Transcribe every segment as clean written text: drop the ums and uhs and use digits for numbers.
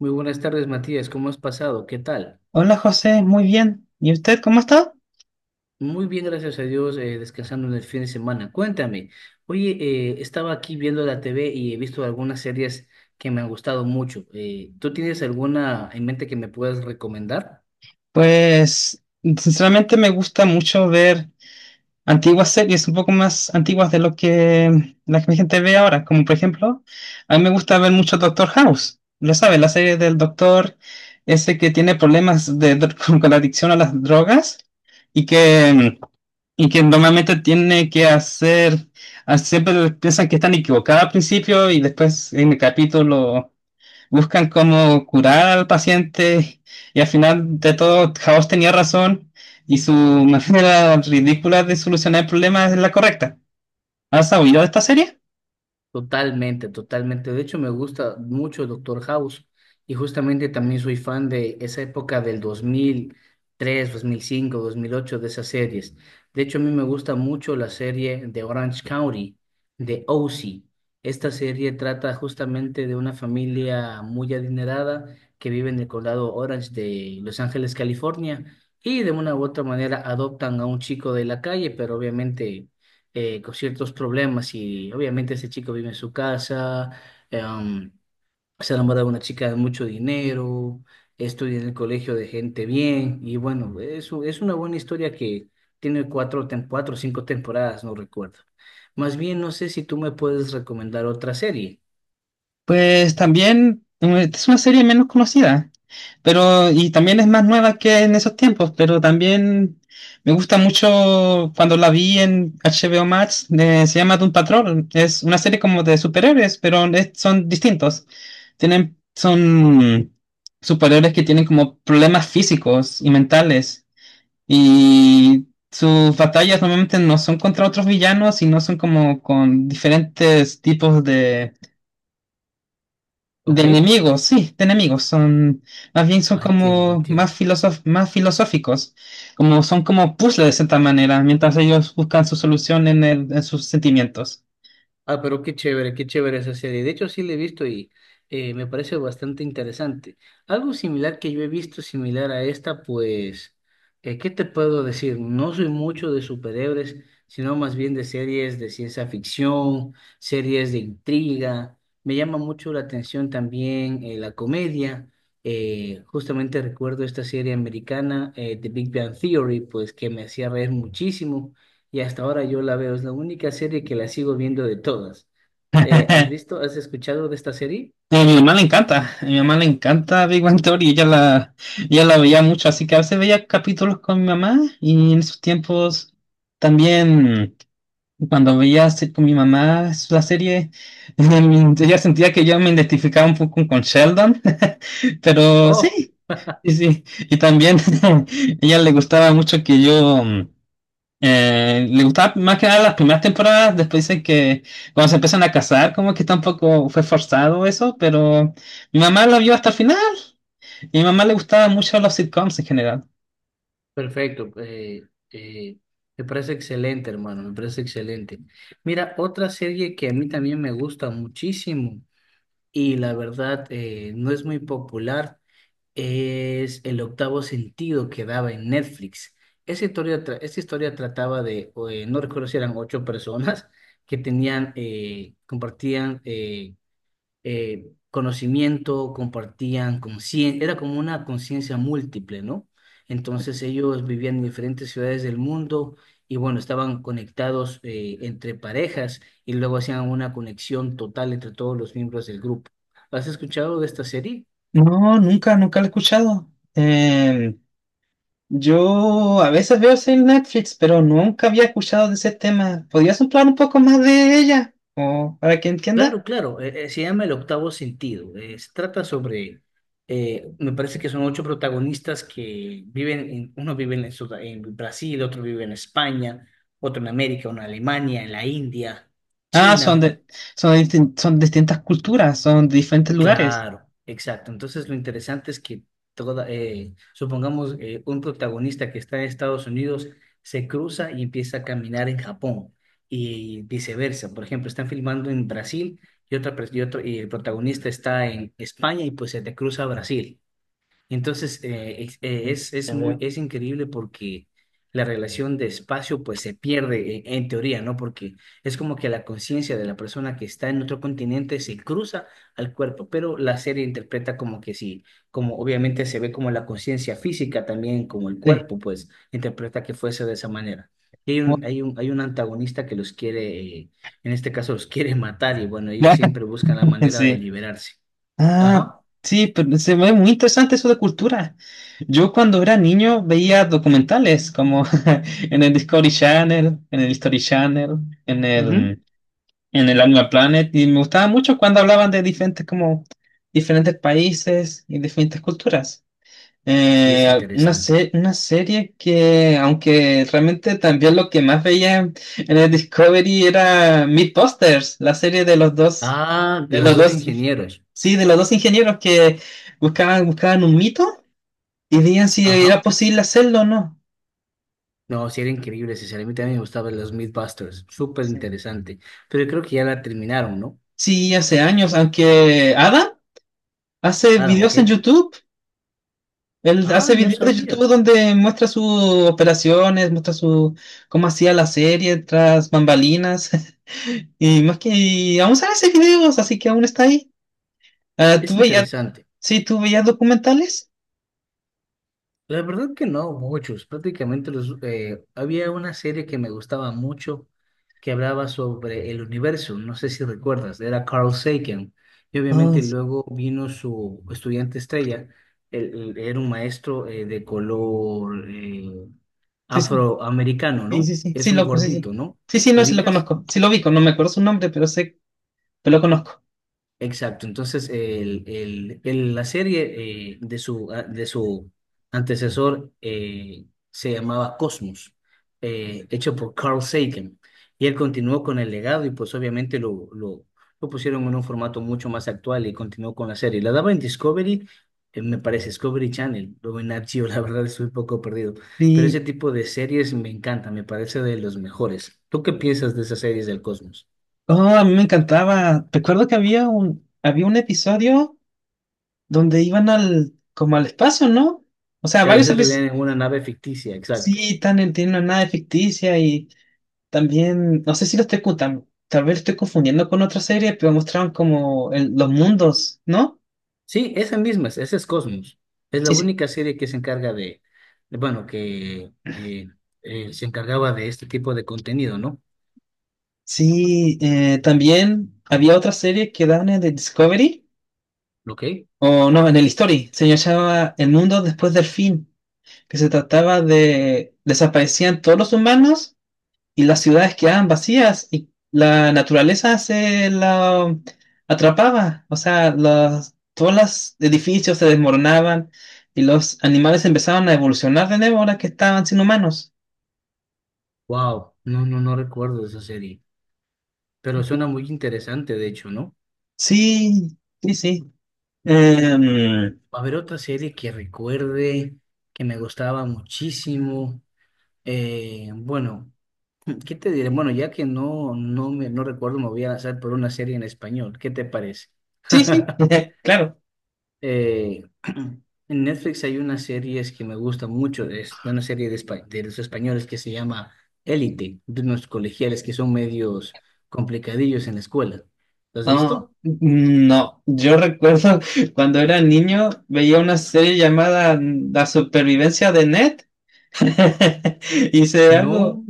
Muy buenas tardes, Matías. ¿Cómo has pasado? ¿Qué tal? Hola José, muy bien. ¿Y usted cómo está? Muy bien, gracias a Dios, descansando en el fin de semana. Cuéntame, oye, estaba aquí viendo la TV y he visto algunas series que me han gustado mucho. ¿Tú tienes alguna en mente que me puedas recomendar? Pues sinceramente me gusta mucho ver antiguas series, un poco más antiguas de lo que la gente ve ahora, como por ejemplo, a mí me gusta ver mucho Doctor House, lo sabe, la serie del doctor ese que tiene problemas de, con la adicción a las drogas y que, y que normalmente tiene que hacer, siempre piensan que están equivocados al principio y después en el capítulo, buscan cómo curar al paciente y al final de todo House tenía razón y su manera ridícula de solucionar el problema es la correcta. ¿Has oído de esta serie? Totalmente, totalmente. De hecho, me gusta mucho Doctor House y justamente también soy fan de esa época del dos mil tres, 2005, 2008, de esas series. De hecho, a mí me gusta mucho la serie de Orange County, de OC. Esta serie trata justamente de una familia muy adinerada que vive en el condado Orange de Los Ángeles, California, y de una u otra manera adoptan a un chico de la calle, pero obviamente con ciertos problemas. Y obviamente ese chico vive en su casa, em, se enamora de una chica de mucho dinero, estudia en el colegio de gente bien y bueno, es una buena historia que tiene cuatro o cinco temporadas, no recuerdo. Más bien, no sé si tú me puedes recomendar otra serie, Pues también es una serie menos conocida. Pero, y también es más nueva que en esos tiempos, pero también me gusta mucho cuando la vi en HBO Max. Se llama Doom Patrol. Es una serie como de superhéroes, pero son distintos. Son superhéroes que tienen como problemas físicos y mentales. Y sus batallas normalmente no son contra otros villanos, sino son como con diferentes tipos de ¿ok? enemigos, sí, de enemigos. Son, más bien son Ah, entiendo, como entiendo. Más filosóficos. Como son como puzzles de cierta manera, mientras ellos buscan su solución en en sus sentimientos. Ah, pero qué chévere esa serie. De hecho, sí la he visto y me parece bastante interesante. Algo similar que yo he visto, similar a esta, pues, ¿qué te puedo decir? No soy mucho de superhéroes, sino más bien de series de ciencia ficción, series de intriga. Me llama mucho la atención también la comedia. Justamente recuerdo esta serie americana, The Big Bang Theory, pues que me hacía reír muchísimo. Y hasta ahora yo la veo, es la única serie que la sigo viendo de todas. ¿Has visto, has escuchado de esta serie? A mi mamá le encanta, a mi mamá le encanta Big Bang Theory, ella la veía mucho, así que a veces veía capítulos con mi mamá y en esos tiempos también cuando veía con mi mamá la serie, ella sentía que yo me identificaba un poco con Sheldon, pero Oh, sí, sí, sí. Y también a ella le gustaba mucho que yo, le gustaba más que nada las primeras temporadas, después dice que cuando se empiezan a casar, como que tampoco fue forzado eso, pero mi mamá la vio hasta el final y a mi mamá le gustaban mucho los sitcoms en general. perfecto. Eh, Me parece excelente, hermano, me parece excelente. Mira, otra serie que a mí también me gusta muchísimo y la verdad no es muy popular es El octavo sentido, que daba en Netflix. Esa historia trataba de, no recuerdo si eran ocho personas que tenían, conocimiento, compartían conciencia, era como una conciencia múltiple, ¿no? Entonces ellos vivían en diferentes ciudades del mundo y bueno, estaban conectados entre parejas y luego hacían una conexión total entre todos los miembros del grupo. ¿Has escuchado de esta serie? No, nunca, nunca lo he escuchado. Yo a veces veo series en Netflix, pero nunca había escuchado de ese tema. ¿Podrías hablar un poco más de ella? O para que entienda. Claro, claro, se llama El Octavo Sentido. Se trata sobre, me parece que son ocho protagonistas que viven en, uno vive en, en Brasil, otro vive en España, otro en América, uno en Alemania, en la India, Ah, son China. de, son de son distintas culturas, son de diferentes lugares. Claro, exacto. Entonces lo interesante es que toda, supongamos un protagonista que está en Estados Unidos se cruza y empieza a caminar en Japón y viceversa. Por ejemplo, están filmando en Brasil y otra pers- y otro y el protagonista está en España y pues se te cruza a Brasil. Entonces, Mm, ya veo. es increíble porque la relación de espacio pues se pierde en teoría, ¿no? Porque es como que la conciencia de la persona que está en otro continente se cruza al cuerpo, pero la serie interpreta como que sí, como obviamente se ve como la conciencia física también, como el Sí. cuerpo, pues interpreta que fuese de esa manera. Y Bu- hay un antagonista que los quiere, en este caso, los quiere matar y bueno, ellos siempre buscan la manera de Sí. liberarse. Ah, Ajá. sí, pero se ve muy interesante eso de cultura. Yo cuando era niño veía documentales como en el Discovery Channel, en el History Channel, en Ujú. el, en el Animal Planet, y me gustaba mucho cuando hablaban de diferentes como diferentes países y diferentes culturas. Sí, es interesante. Una serie que, aunque realmente también lo que más veía en el Discovery era Mythbusters, la serie Ah, de los los dos dos, ingenieros. sí, de los dos ingenieros que buscaban, buscaban un mito y veían si era Ajá. posible hacerlo o no. No, sí era increíble, sinceramente a mí me gustaba los Mythbusters, súper interesante. Pero creo que ya la terminaron, ¿no? Sí, hace años, aunque Adam hace Ah, ok. videos en YouTube, él Ah, hace no videos de YouTube sabía. donde muestra sus operaciones, cómo hacía la serie tras bambalinas. Y más que y aún salen esos videos, así que aún está ahí. Ah, ¿tú Es veías, interesante. sí, ¿tú veías documentales? La verdad que no, muchos. Prácticamente los, había una serie que me gustaba mucho que hablaba sobre el universo. No sé si recuerdas, era Carl Sagan. Y Ah, obviamente luego vino su estudiante estrella. Él era un maestro, de color, sí, sí, afroamericano, sí, ¿no? sí, sí, Es sí, un loco, sí, gordito, sí. ¿no? Sí, sí, ¿Lo no, sí lo ubicas? conozco. Sí lo vi, no me acuerdo su nombre, pero sé, pero lo conozco. Exacto, entonces la serie, de su antecesor, se llamaba Cosmos, hecho por Carl Sagan, y él continuó con el legado y pues obviamente lo pusieron en un formato mucho más actual y continuó con la serie. La daba en Discovery, me parece Discovery Channel, o en Nat Geo, la verdad estoy un poco perdido, pero ese Y, tipo de series me encanta, me parece de los mejores. ¿Tú qué piensas de esas series del Cosmos? oh, a mí me encantaba. Recuerdo que había un episodio donde iban al, como al espacio, ¿no? O sea, Claro, varios eso episodios, en una nave ficticia, exacto. sí, tienen una nave ficticia y también, no sé si lo estoy tal vez lo estoy confundiendo con otra serie, pero mostraron como los mundos, ¿no? Sí, esa misma, esa es Cosmos. Es la Sí, sí. única serie que se encarga de, bueno, que se encargaba de este tipo de contenido, ¿no? Sí, también había otra serie que daban en el Discovery, ¿Ok? o no, en el History, se llamaba El mundo después del fin, que se trataba de desaparecían todos los humanos y las ciudades quedaban vacías y la naturaleza se la atrapaba. O sea, todos los edificios se desmoronaban y los animales empezaban a evolucionar de nuevo ahora que estaban sin humanos. Wow, no, no, no recuerdo de esa serie, pero suena muy interesante, de hecho, ¿no? Sí, sí, sí. Em, A ver, otra serie que recuerde, que me gustaba muchísimo. Bueno, ¿qué te diré? Bueno, ya que no, no me, no recuerdo, me voy a lanzar por una serie en español. ¿Qué te parece? sí, sí, claro. Eh, en Netflix hay unas series que me gustan mucho, es de una serie de los españoles que se llama Élite, de unos colegiales que son medios complicadillos en la escuela. ¿Lo has No, visto? No, yo recuerdo cuando era niño veía una serie llamada La supervivencia de Ned. Hice algo, No,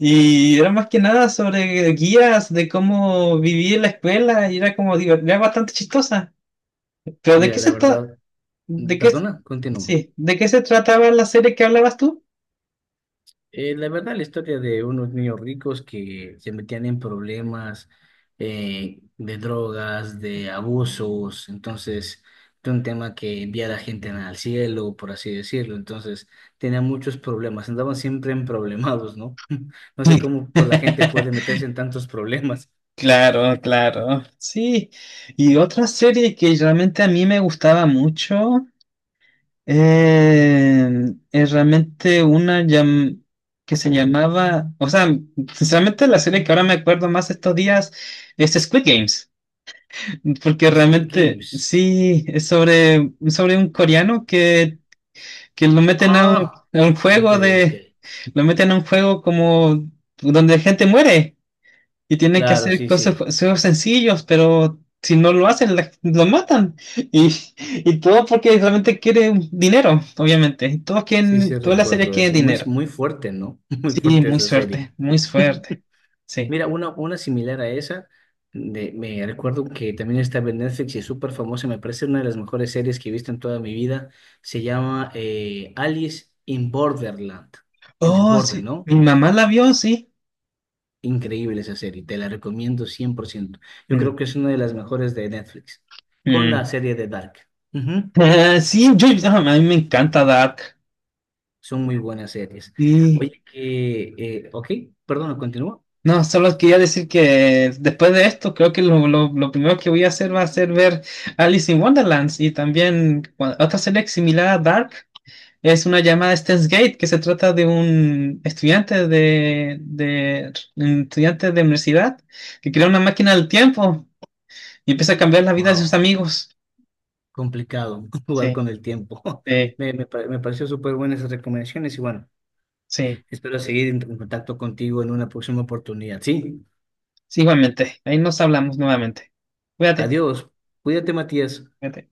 y era más que nada sobre guías de cómo vivir en la escuela y era como, digo, era bastante chistosa. Pero ¿de mira, qué la se trata? verdad, ¿De qué? perdona, continúa. Sí, ¿de qué se trataba la serie que hablabas tú? La verdad, la historia de unos niños ricos que se metían en problemas, de drogas, de abusos. Entonces era un tema que envía a la gente al cielo, por así decirlo, entonces tenían muchos problemas, andaban siempre en problemados, ¿no? No sé Sí. cómo pues, la gente puede meterse en tantos problemas. Claro, claro, sí. Y otra serie que realmente a mí me gustaba mucho eh, es realmente que se llamaba, o sea, sinceramente la serie que ahora me acuerdo más estos días es Squid Games. Porque Squid realmente Games. sí, es sobre un coreano que lo meten Ah, a un ok, juego ok. de, lo meten a un juego como donde gente muere y tiene que Claro, hacer sí, cosas, sí, juegos sencillos, pero si no lo hacen, lo matan. Y todo porque realmente quiere dinero, obviamente. Todos sí, quieren, sí todas las series recuerdo quieren eso. Muy, dinero. muy fuerte, ¿no? Muy Sí, fuerte muy esa serie. suerte, muy suerte. Sí. Mira, una similar a esa, me recuerdo que también está en Netflix y es súper famosa, me parece una de las mejores series que he visto en toda mi vida, se llama Alice in Borderland, en el Oh, borde, sí, ¿no? mi mamá la vio, sí. Increíble esa serie, te la recomiendo 100%. Yo Mm, creo que es una de las mejores de Netflix, con la mm. serie de Dark. Ujú. Sí, yo, ah, a mí me encanta Dark. Son muy buenas series. Sí. Oye, que, ok, perdón, continúa. No, solo quería decir que después de esto, creo que lo primero que voy a hacer va a ser ver Alice in Wonderlands y también otra serie similar a Dark. Es una llamada Steins Gate que se trata de un estudiante de un estudiante de universidad que crea una máquina del tiempo y empieza a cambiar la vida de sus Wow. amigos. Complicado jugar Sí, con el tiempo. sí, Me me pareció súper buenas esas recomendaciones y bueno, sí, espero seguir en contacto contigo en una próxima oportunidad. Sí, sí, igualmente. Ahí nos hablamos nuevamente. Cuídate, adiós. Cuídate, Matías. cuídate.